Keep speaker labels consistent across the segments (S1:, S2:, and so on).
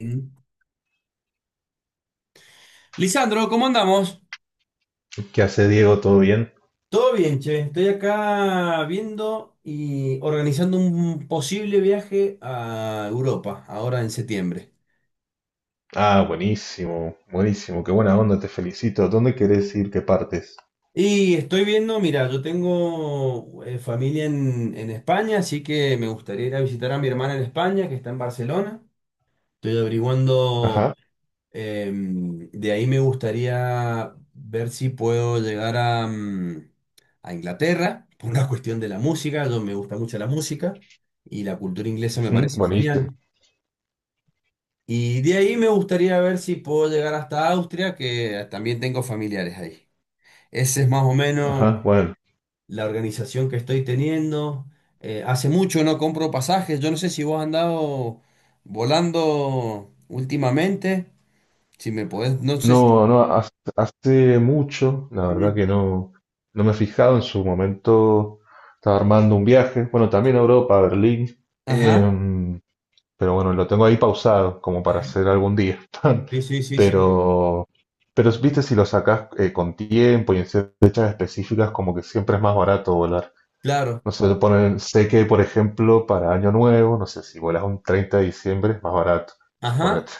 S1: Mm. Lisandro, ¿cómo andamos?
S2: ¿Qué hace Diego? ¿Todo bien?
S1: Todo bien, che. Estoy acá viendo y organizando un posible viaje a Europa, ahora en septiembre.
S2: Ah, buenísimo, buenísimo, qué buena onda, te felicito. ¿Dónde querés ir? ¿Qué partes?
S1: Y estoy viendo, mira, yo tengo familia en España, así que me gustaría ir a visitar a mi hermana en España, que está en Barcelona. Estoy averiguando.
S2: Ajá,
S1: De ahí me gustaría ver si puedo llegar a a Inglaterra por una cuestión de la música. Yo me gusta mucho la música y la cultura inglesa me
S2: ujú,
S1: parece
S2: buenísimo.
S1: genial. Y de ahí me gustaría ver si puedo llegar hasta Austria, que también tengo familiares ahí. Esa es más o menos
S2: Ajá, bueno.
S1: la organización que estoy teniendo. Hace mucho no compro pasajes. Yo no sé si vos has andado volando últimamente. Si me podés, no sé si...
S2: No, no, hace mucho, la verdad que no, no me he fijado. En su momento estaba armando un viaje, bueno, también a Europa, a Berlín.
S1: Ajá.
S2: Em, pero bueno, lo tengo ahí pausado como para hacer algún día.
S1: Sí, sí, sí, sí.
S2: Pero, pero viste, si lo sacás con tiempo y en fechas específicas, como que siempre es más barato volar.
S1: Claro.
S2: No sé, le ponen, sé que, por ejemplo, para Año Nuevo, no sé, si vuelas un 30 de diciembre es más barato,
S1: Ajá,
S2: suponete.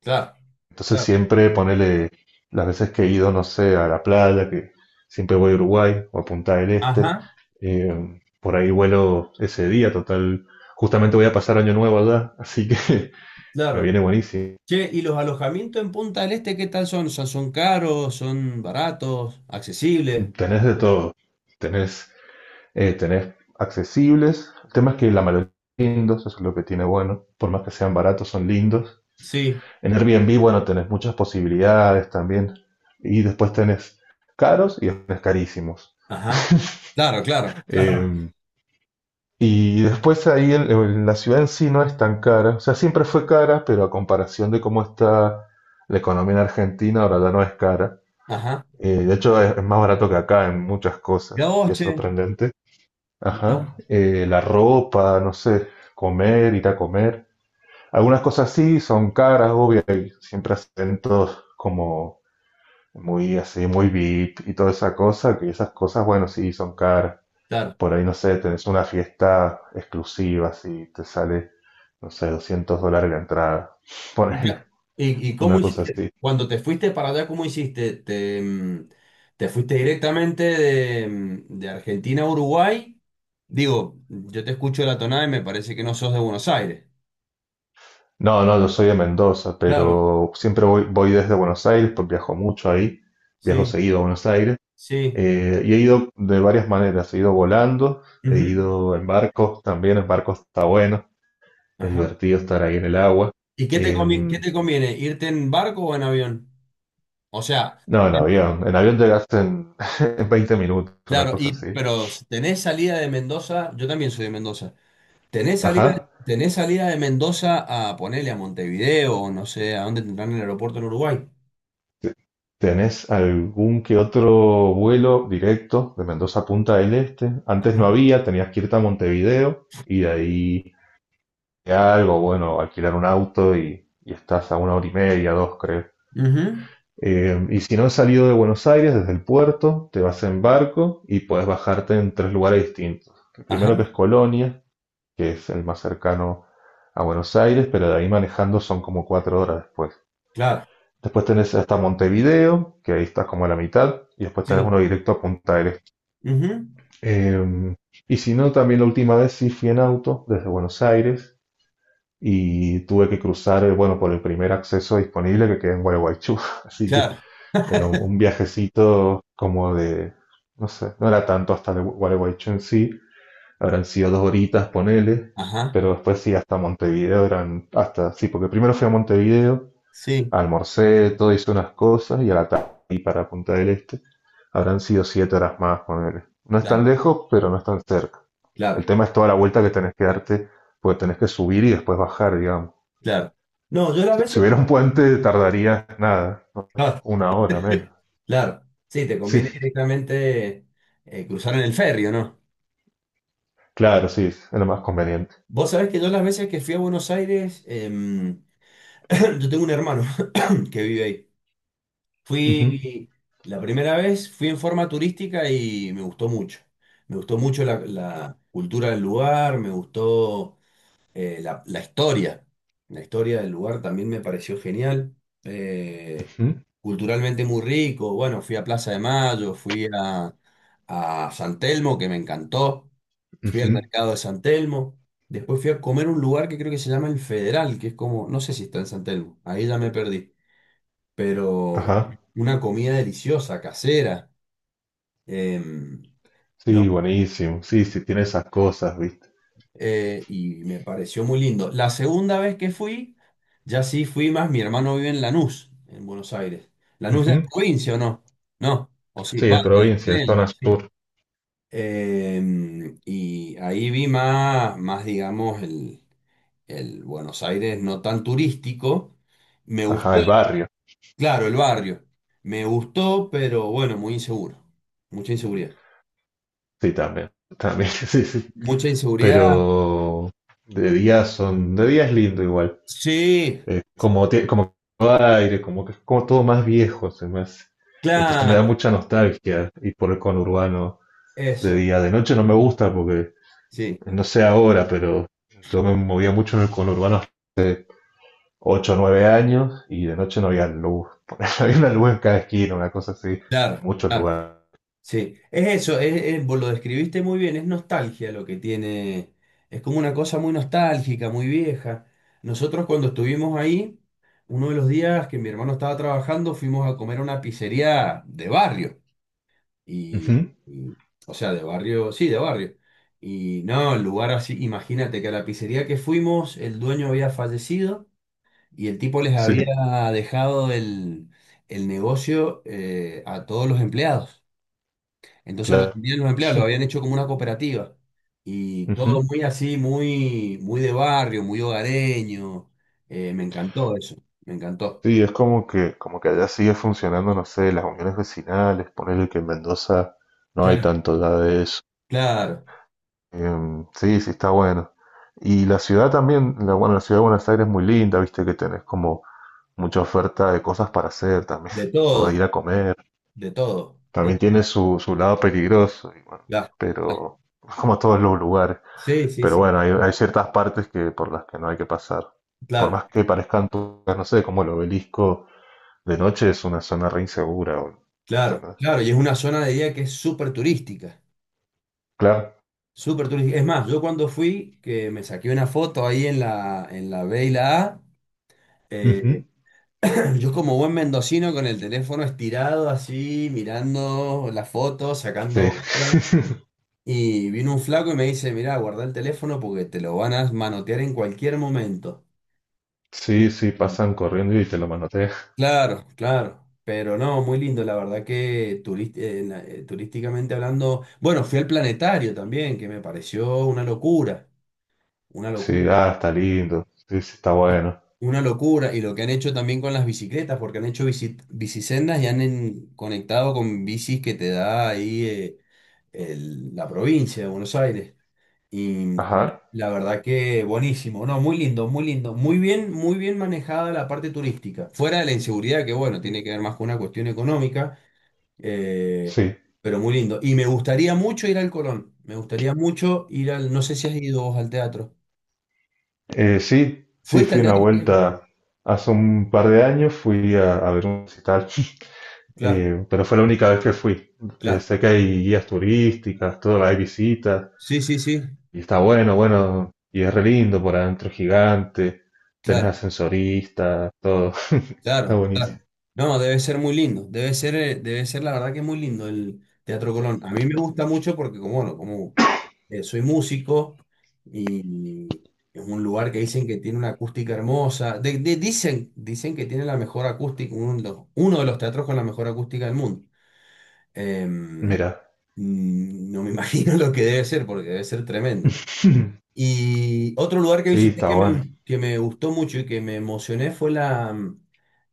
S1: claro,
S2: Entonces
S1: claro.
S2: siempre ponele, las veces que he ido, no sé, a la playa, que siempre voy a Uruguay o a Punta del Este,
S1: Ajá,
S2: por ahí vuelo ese día, total. Justamente voy a pasar Año Nuevo allá, así que me
S1: claro.
S2: viene buenísimo.
S1: Che, ¿y los alojamientos en Punta del Este qué tal son? ¿Son, son caros? ¿Son baratos? ¿Accesibles?
S2: Tenés de todo, tenés, tenés accesibles, el tema es que la mayoría son lindos, eso es lo que tiene bueno, por más que sean baratos, son lindos.
S1: Sí.
S2: En Airbnb, bueno, tenés muchas posibilidades también. Y después tenés caros y después tenés carísimos.
S1: Ajá. Claro, claro, claro.
S2: Eh, y después ahí en la ciudad en sí no es tan cara. O sea, siempre fue cara, pero a comparación de cómo está la economía en Argentina, ahora ya no es cara.
S1: Ajá.
S2: De hecho, es más barato que acá en muchas cosas.
S1: Mirá vos,
S2: Y es
S1: che.
S2: sorprendente.
S1: Mirá
S2: Ajá.
S1: vos.
S2: La ropa, no sé, comer, ir a comer. Algunas cosas sí son caras, obvio, hay siempre acentos como muy así, muy VIP y toda esa cosa, que esas cosas, bueno, sí, son caras.
S1: Claro.
S2: Por ahí, no sé, tenés una fiesta exclusiva, si te sale, no sé, 200 dólares la entrada,
S1: ¿Y,
S2: ponele,
S1: ya- y
S2: una
S1: cómo
S2: cosa
S1: hiciste?
S2: así.
S1: Cuando te fuiste para allá, ¿cómo hiciste? ¿Te fuiste directamente de de Argentina a Uruguay? Digo, yo te escucho la tonada y me parece que no sos de Buenos Aires.
S2: No, no, yo soy de Mendoza,
S1: Claro,
S2: pero siempre voy desde Buenos Aires, pues viajo mucho ahí, viajo
S1: sí,
S2: seguido a Buenos Aires,
S1: sí.
S2: y he ido de varias maneras, he ido volando, he
S1: Ujú.
S2: ido en barcos, también en barcos está bueno, es
S1: Ajá.
S2: divertido estar ahí en el agua.
S1: ¿Y qué te
S2: Eh,
S1: convi- qué te conviene? ¿Irte en barco o en avión? O sea,
S2: No, en avión. En avión llegas en, en 20 minutos, una
S1: claro,
S2: cosa
S1: y
S2: así.
S1: pero tenés salida de Mendoza, yo también soy de Mendoza. ¿Tenés salida,
S2: Ajá.
S1: ¿Tenés salida de Mendoza a ponerle a Montevideo o no sé, a dónde tendrán el aeropuerto en Uruguay?
S2: ¿Tenés algún que otro vuelo directo de Mendoza a Punta del Este? Antes no
S1: Ajá.
S2: había, tenías que irte a Montevideo y de ahí a algo, bueno, alquilar un auto y estás a una hora y media, dos, creo.
S1: Ujú.
S2: Y si no has salido de Buenos Aires, desde el puerto, te vas en barco y puedes bajarte en tres lugares distintos. El primero que es
S1: Ajá,
S2: Colonia, que es el más cercano a Buenos Aires, pero de ahí manejando son como 4 horas después.
S1: claro.
S2: Después tenés hasta Montevideo, que ahí estás como a la mitad, y después tenés uno
S1: Sí.
S2: directo a Punta del Este.
S1: Ujú.
S2: Em, y si no, también la última vez sí fui en auto desde Buenos Aires y tuve que cruzar, bueno, por el primer acceso disponible que queda en Gualeguaychú, así que
S1: Claro.
S2: era un, un viajecito como de, no sé, no era tanto hasta de Gualeguaychú en sí, habrán sido 2 horitas, ponele,
S1: Ajá,
S2: pero después sí, hasta Montevideo eran, hasta, sí, porque primero fui a Montevideo,
S1: sí,
S2: almorcé, todo hice unas cosas y a la tarde y para Punta del Este habrán sido 7 horas más, ponele. No es tan
S1: claro,
S2: lejos, pero no es tan cerca. El
S1: claro,
S2: tema es toda la vuelta que tenés que darte, porque tenés que subir y después bajar, digamos.
S1: claro. No, yo las
S2: Si
S1: veces
S2: hubiera
S1: que...
S2: un puente, tardaría nada, ¿no? Una hora menos.
S1: Claro, sí, te conviene
S2: Sí,
S1: directamente cruzar en el ferry, ¿o no?
S2: claro, sí, es lo más conveniente.
S1: Vos sabés que yo las veces que fui a Buenos Aires, yo tengo un hermano que vive ahí.
S2: Ujú,
S1: Fui, la primera vez fui en forma turística y me gustó mucho. Me gustó mucho la cultura del lugar, me gustó la la historia del lugar también me pareció genial. eh,
S2: ujú,
S1: Culturalmente muy rico. Bueno, fui a Plaza de Mayo, fui a San Telmo, que me encantó. Fui al
S2: ujú.
S1: mercado de San Telmo. Después fui a comer un lugar que creo que se llama El Federal, que es como, no sé si está en San Telmo, ahí ya me perdí. Pero
S2: Ajá.
S1: una comida deliciosa, casera. Eh,
S2: Sí, buenísimo. Sí, sí, tiene esas cosas, ¿viste?
S1: y me pareció muy lindo. La segunda vez que fui, ya sí fui más, mi hermano vive en Lanús, en Buenos Aires. ¿Lanús es
S2: Ujú.
S1: provincia o no? No, o sí,
S2: Sí,
S1: va,
S2: es
S1: lo que le
S2: provincia,
S1: dicen
S2: es
S1: él,
S2: zona
S1: sí.
S2: sur.
S1: Y ahí vi más, más digamos, el Buenos Aires no tan turístico. Me
S2: Ajá,
S1: gustó,
S2: el barrio.
S1: claro, el barrio. Me gustó, pero bueno, muy inseguro. Mucha inseguridad.
S2: Sí, también. También, sí, sí.
S1: Mucha inseguridad.
S2: Pero de día es lindo igual.
S1: Sí,
S2: Como todo aire, como que es como todo más viejo, se me hace. Entonces me da
S1: claro,
S2: mucha nostalgia ir por el conurbano de
S1: eso.
S2: día. De noche no me gusta porque,
S1: Sí.
S2: no sé ahora, pero yo me movía mucho en el conurbano ocho o 9 años y de noche no había luz. Había una luz en cada esquina, una cosa así, en
S1: Claro,
S2: muchos
S1: claro.
S2: lugares.
S1: Sí, es eso, vos lo describiste muy bien, es nostalgia lo que tiene, es como una cosa muy nostálgica, muy vieja. Nosotros cuando estuvimos ahí, uno de los días que mi hermano estaba trabajando, fuimos a comer a una pizzería de barrio.
S2: Ujú,
S1: Y, y- o sea, de barrio, sí, de barrio. Y no, el lugar así, imagínate que a la pizzería que fuimos, el dueño había fallecido y el tipo les había
S2: sí,
S1: dejado el negocio a todos los empleados. Entonces lo
S2: claro.
S1: atendían los empleados, lo habían hecho como una cooperativa. Y todo
S2: Ujú.
S1: muy así, muy, muy de barrio, muy hogareño. Me encantó eso, me encantó.
S2: Sí, es como que, allá sigue funcionando, no sé, las uniones vecinales, ponerle que en Mendoza no hay
S1: Claro,
S2: tanto ya de eso.
S1: claro,
S2: Sí, sí, está bueno. Y la ciudad también, la, bueno, la ciudad de Buenos Aires es muy linda, viste que tenés como mucha oferta de cosas para hacer también,
S1: de
S2: o
S1: todo,
S2: de ir a comer.
S1: de todo.
S2: También tiene su lado peligroso, y bueno,
S1: Claro, claro.
S2: pero como todos los lugares.
S1: Sí, sí,
S2: Pero
S1: sí.
S2: bueno, hay ciertas partes que por las que no hay que pasar. Por
S1: Claro,
S2: más que parezcan turcas, no sé, como el obelisco de noche es una zona re insegura,
S1: claro,
S2: ¿entendés?
S1: claro. Y es una zona de día que es súper turística.
S2: Claro.
S1: Súper turística. Es más, yo cuando fui, que me saqué una foto ahí en en la B y la A,
S2: Ujú.
S1: eh, yo como buen mendocino con el teléfono estirado así, mirando la foto,
S2: Sí.
S1: sacando otra. Y vino un flaco y me dice, mirá, guarda el teléfono porque te lo van a manotear en cualquier momento.
S2: Sí, sí, pasan corriendo y te lo manotean.
S1: Claro, claro. Pero no, muy lindo, la verdad que turísticamente hablando, bueno, fui al planetario también, que me pareció una locura, una locura.
S2: Sí, ah, está lindo. Sí, sí, está bueno.
S1: Una locura, y lo que han hecho también con las bicicletas, porque han hecho bicisendas y han conectado con bicis que te da ahí la provincia de Buenos Aires. Y
S2: Ajá.
S1: la verdad que buenísimo, no, muy lindo, muy lindo, muy bien manejada la parte turística. Fuera de la inseguridad, que bueno, tiene que ver más con una cuestión económica, eh,
S2: Sí.
S1: pero muy lindo. Y me gustaría mucho ir al Colón, me gustaría mucho ir al, no sé si has ido vos al teatro.
S2: Sí, sí,
S1: ¿Fuiste
S2: fui
S1: al
S2: una
S1: teatro también?
S2: vuelta hace un par de años, fui a ver un recital.
S1: Claro,
S2: Pero fue la única vez que fui. Eh,
S1: claro.
S2: sé que hay guías turísticas, todo, hay visitas,
S1: Sí, sí, sí,
S2: y está bueno, bueno, y es re lindo por adentro, gigante, tenés
S1: claro.
S2: ascensorista, todo, está
S1: Claro,
S2: buenísimo.
S1: claro. No, debe ser muy lindo. Debe ser la verdad que muy lindo el Teatro Colón. A mí me gusta mucho porque, como, bueno, como soy músico y es un lugar que dicen que tiene una acústica hermosa. Dicen, dicen que tiene la mejor acústica, uno de los teatros con la mejor acústica del mundo. Em,
S2: Mira,
S1: no me imagino lo que debe ser porque debe ser tremendo. Y otro lugar que
S2: sí,
S1: visité
S2: está bueno.
S1: que me gustó mucho y que me emocioné fue la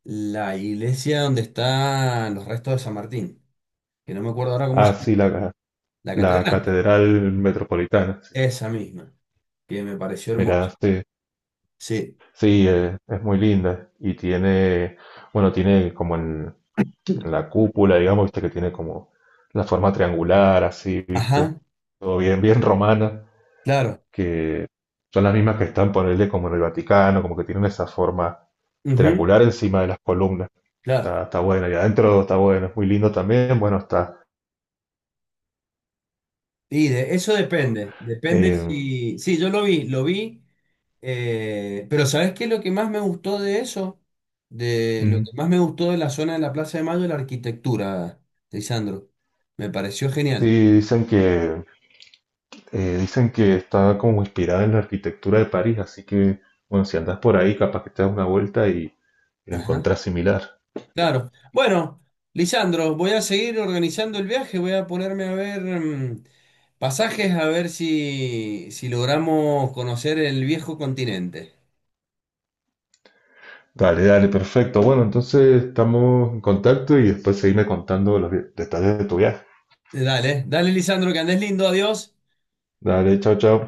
S1: la iglesia donde están los restos de San Martín, que no me acuerdo ahora cómo
S2: Ah,
S1: se llama.
S2: sí, la, ca-
S1: La
S2: la
S1: catedral,
S2: Catedral Metropolitana, sí.
S1: esa misma, que me pareció
S2: Mira,
S1: hermosa.
S2: sí,
S1: Sí.
S2: sí, es muy linda y tiene, bueno, tiene como el, la cúpula, digamos, viste que tiene como la forma triangular, así, viste,
S1: Ajá,
S2: todo bien, bien romana,
S1: claro.
S2: que son las mismas que están, ponerle como en el Vaticano, como que tienen esa forma
S1: Ujú,
S2: triangular encima de las columnas. Está,
S1: claro.
S2: está bueno, y adentro está bueno, es muy lindo también, bueno, está.
S1: Y de, eso depende, depende
S2: eh,
S1: si... Sí, yo lo vi, pero ¿sabes qué es lo que más me gustó de eso? De lo
S2: Mm.
S1: que más me gustó de la zona de la Plaza de Mayo, la arquitectura, Lisandro. Me pareció
S2: sí,
S1: genial.
S2: dicen que, eh, dicen que está como inspirada en la arquitectura de París, así que, bueno, si andás por ahí, capaz que te das una vuelta y la
S1: Ajá,
S2: encontrás similar.
S1: claro. Bueno, Lisandro, voy a seguir organizando el viaje, voy a ponerme a ver pasajes, a ver si, si logramos conocer el viejo continente.
S2: Dale, dale, perfecto. Bueno, entonces estamos en contacto y después seguime contando los detalles de tu viaje.
S1: Dale, dale, Lisandro, que andes lindo, adiós.
S2: Dale, chao, chao.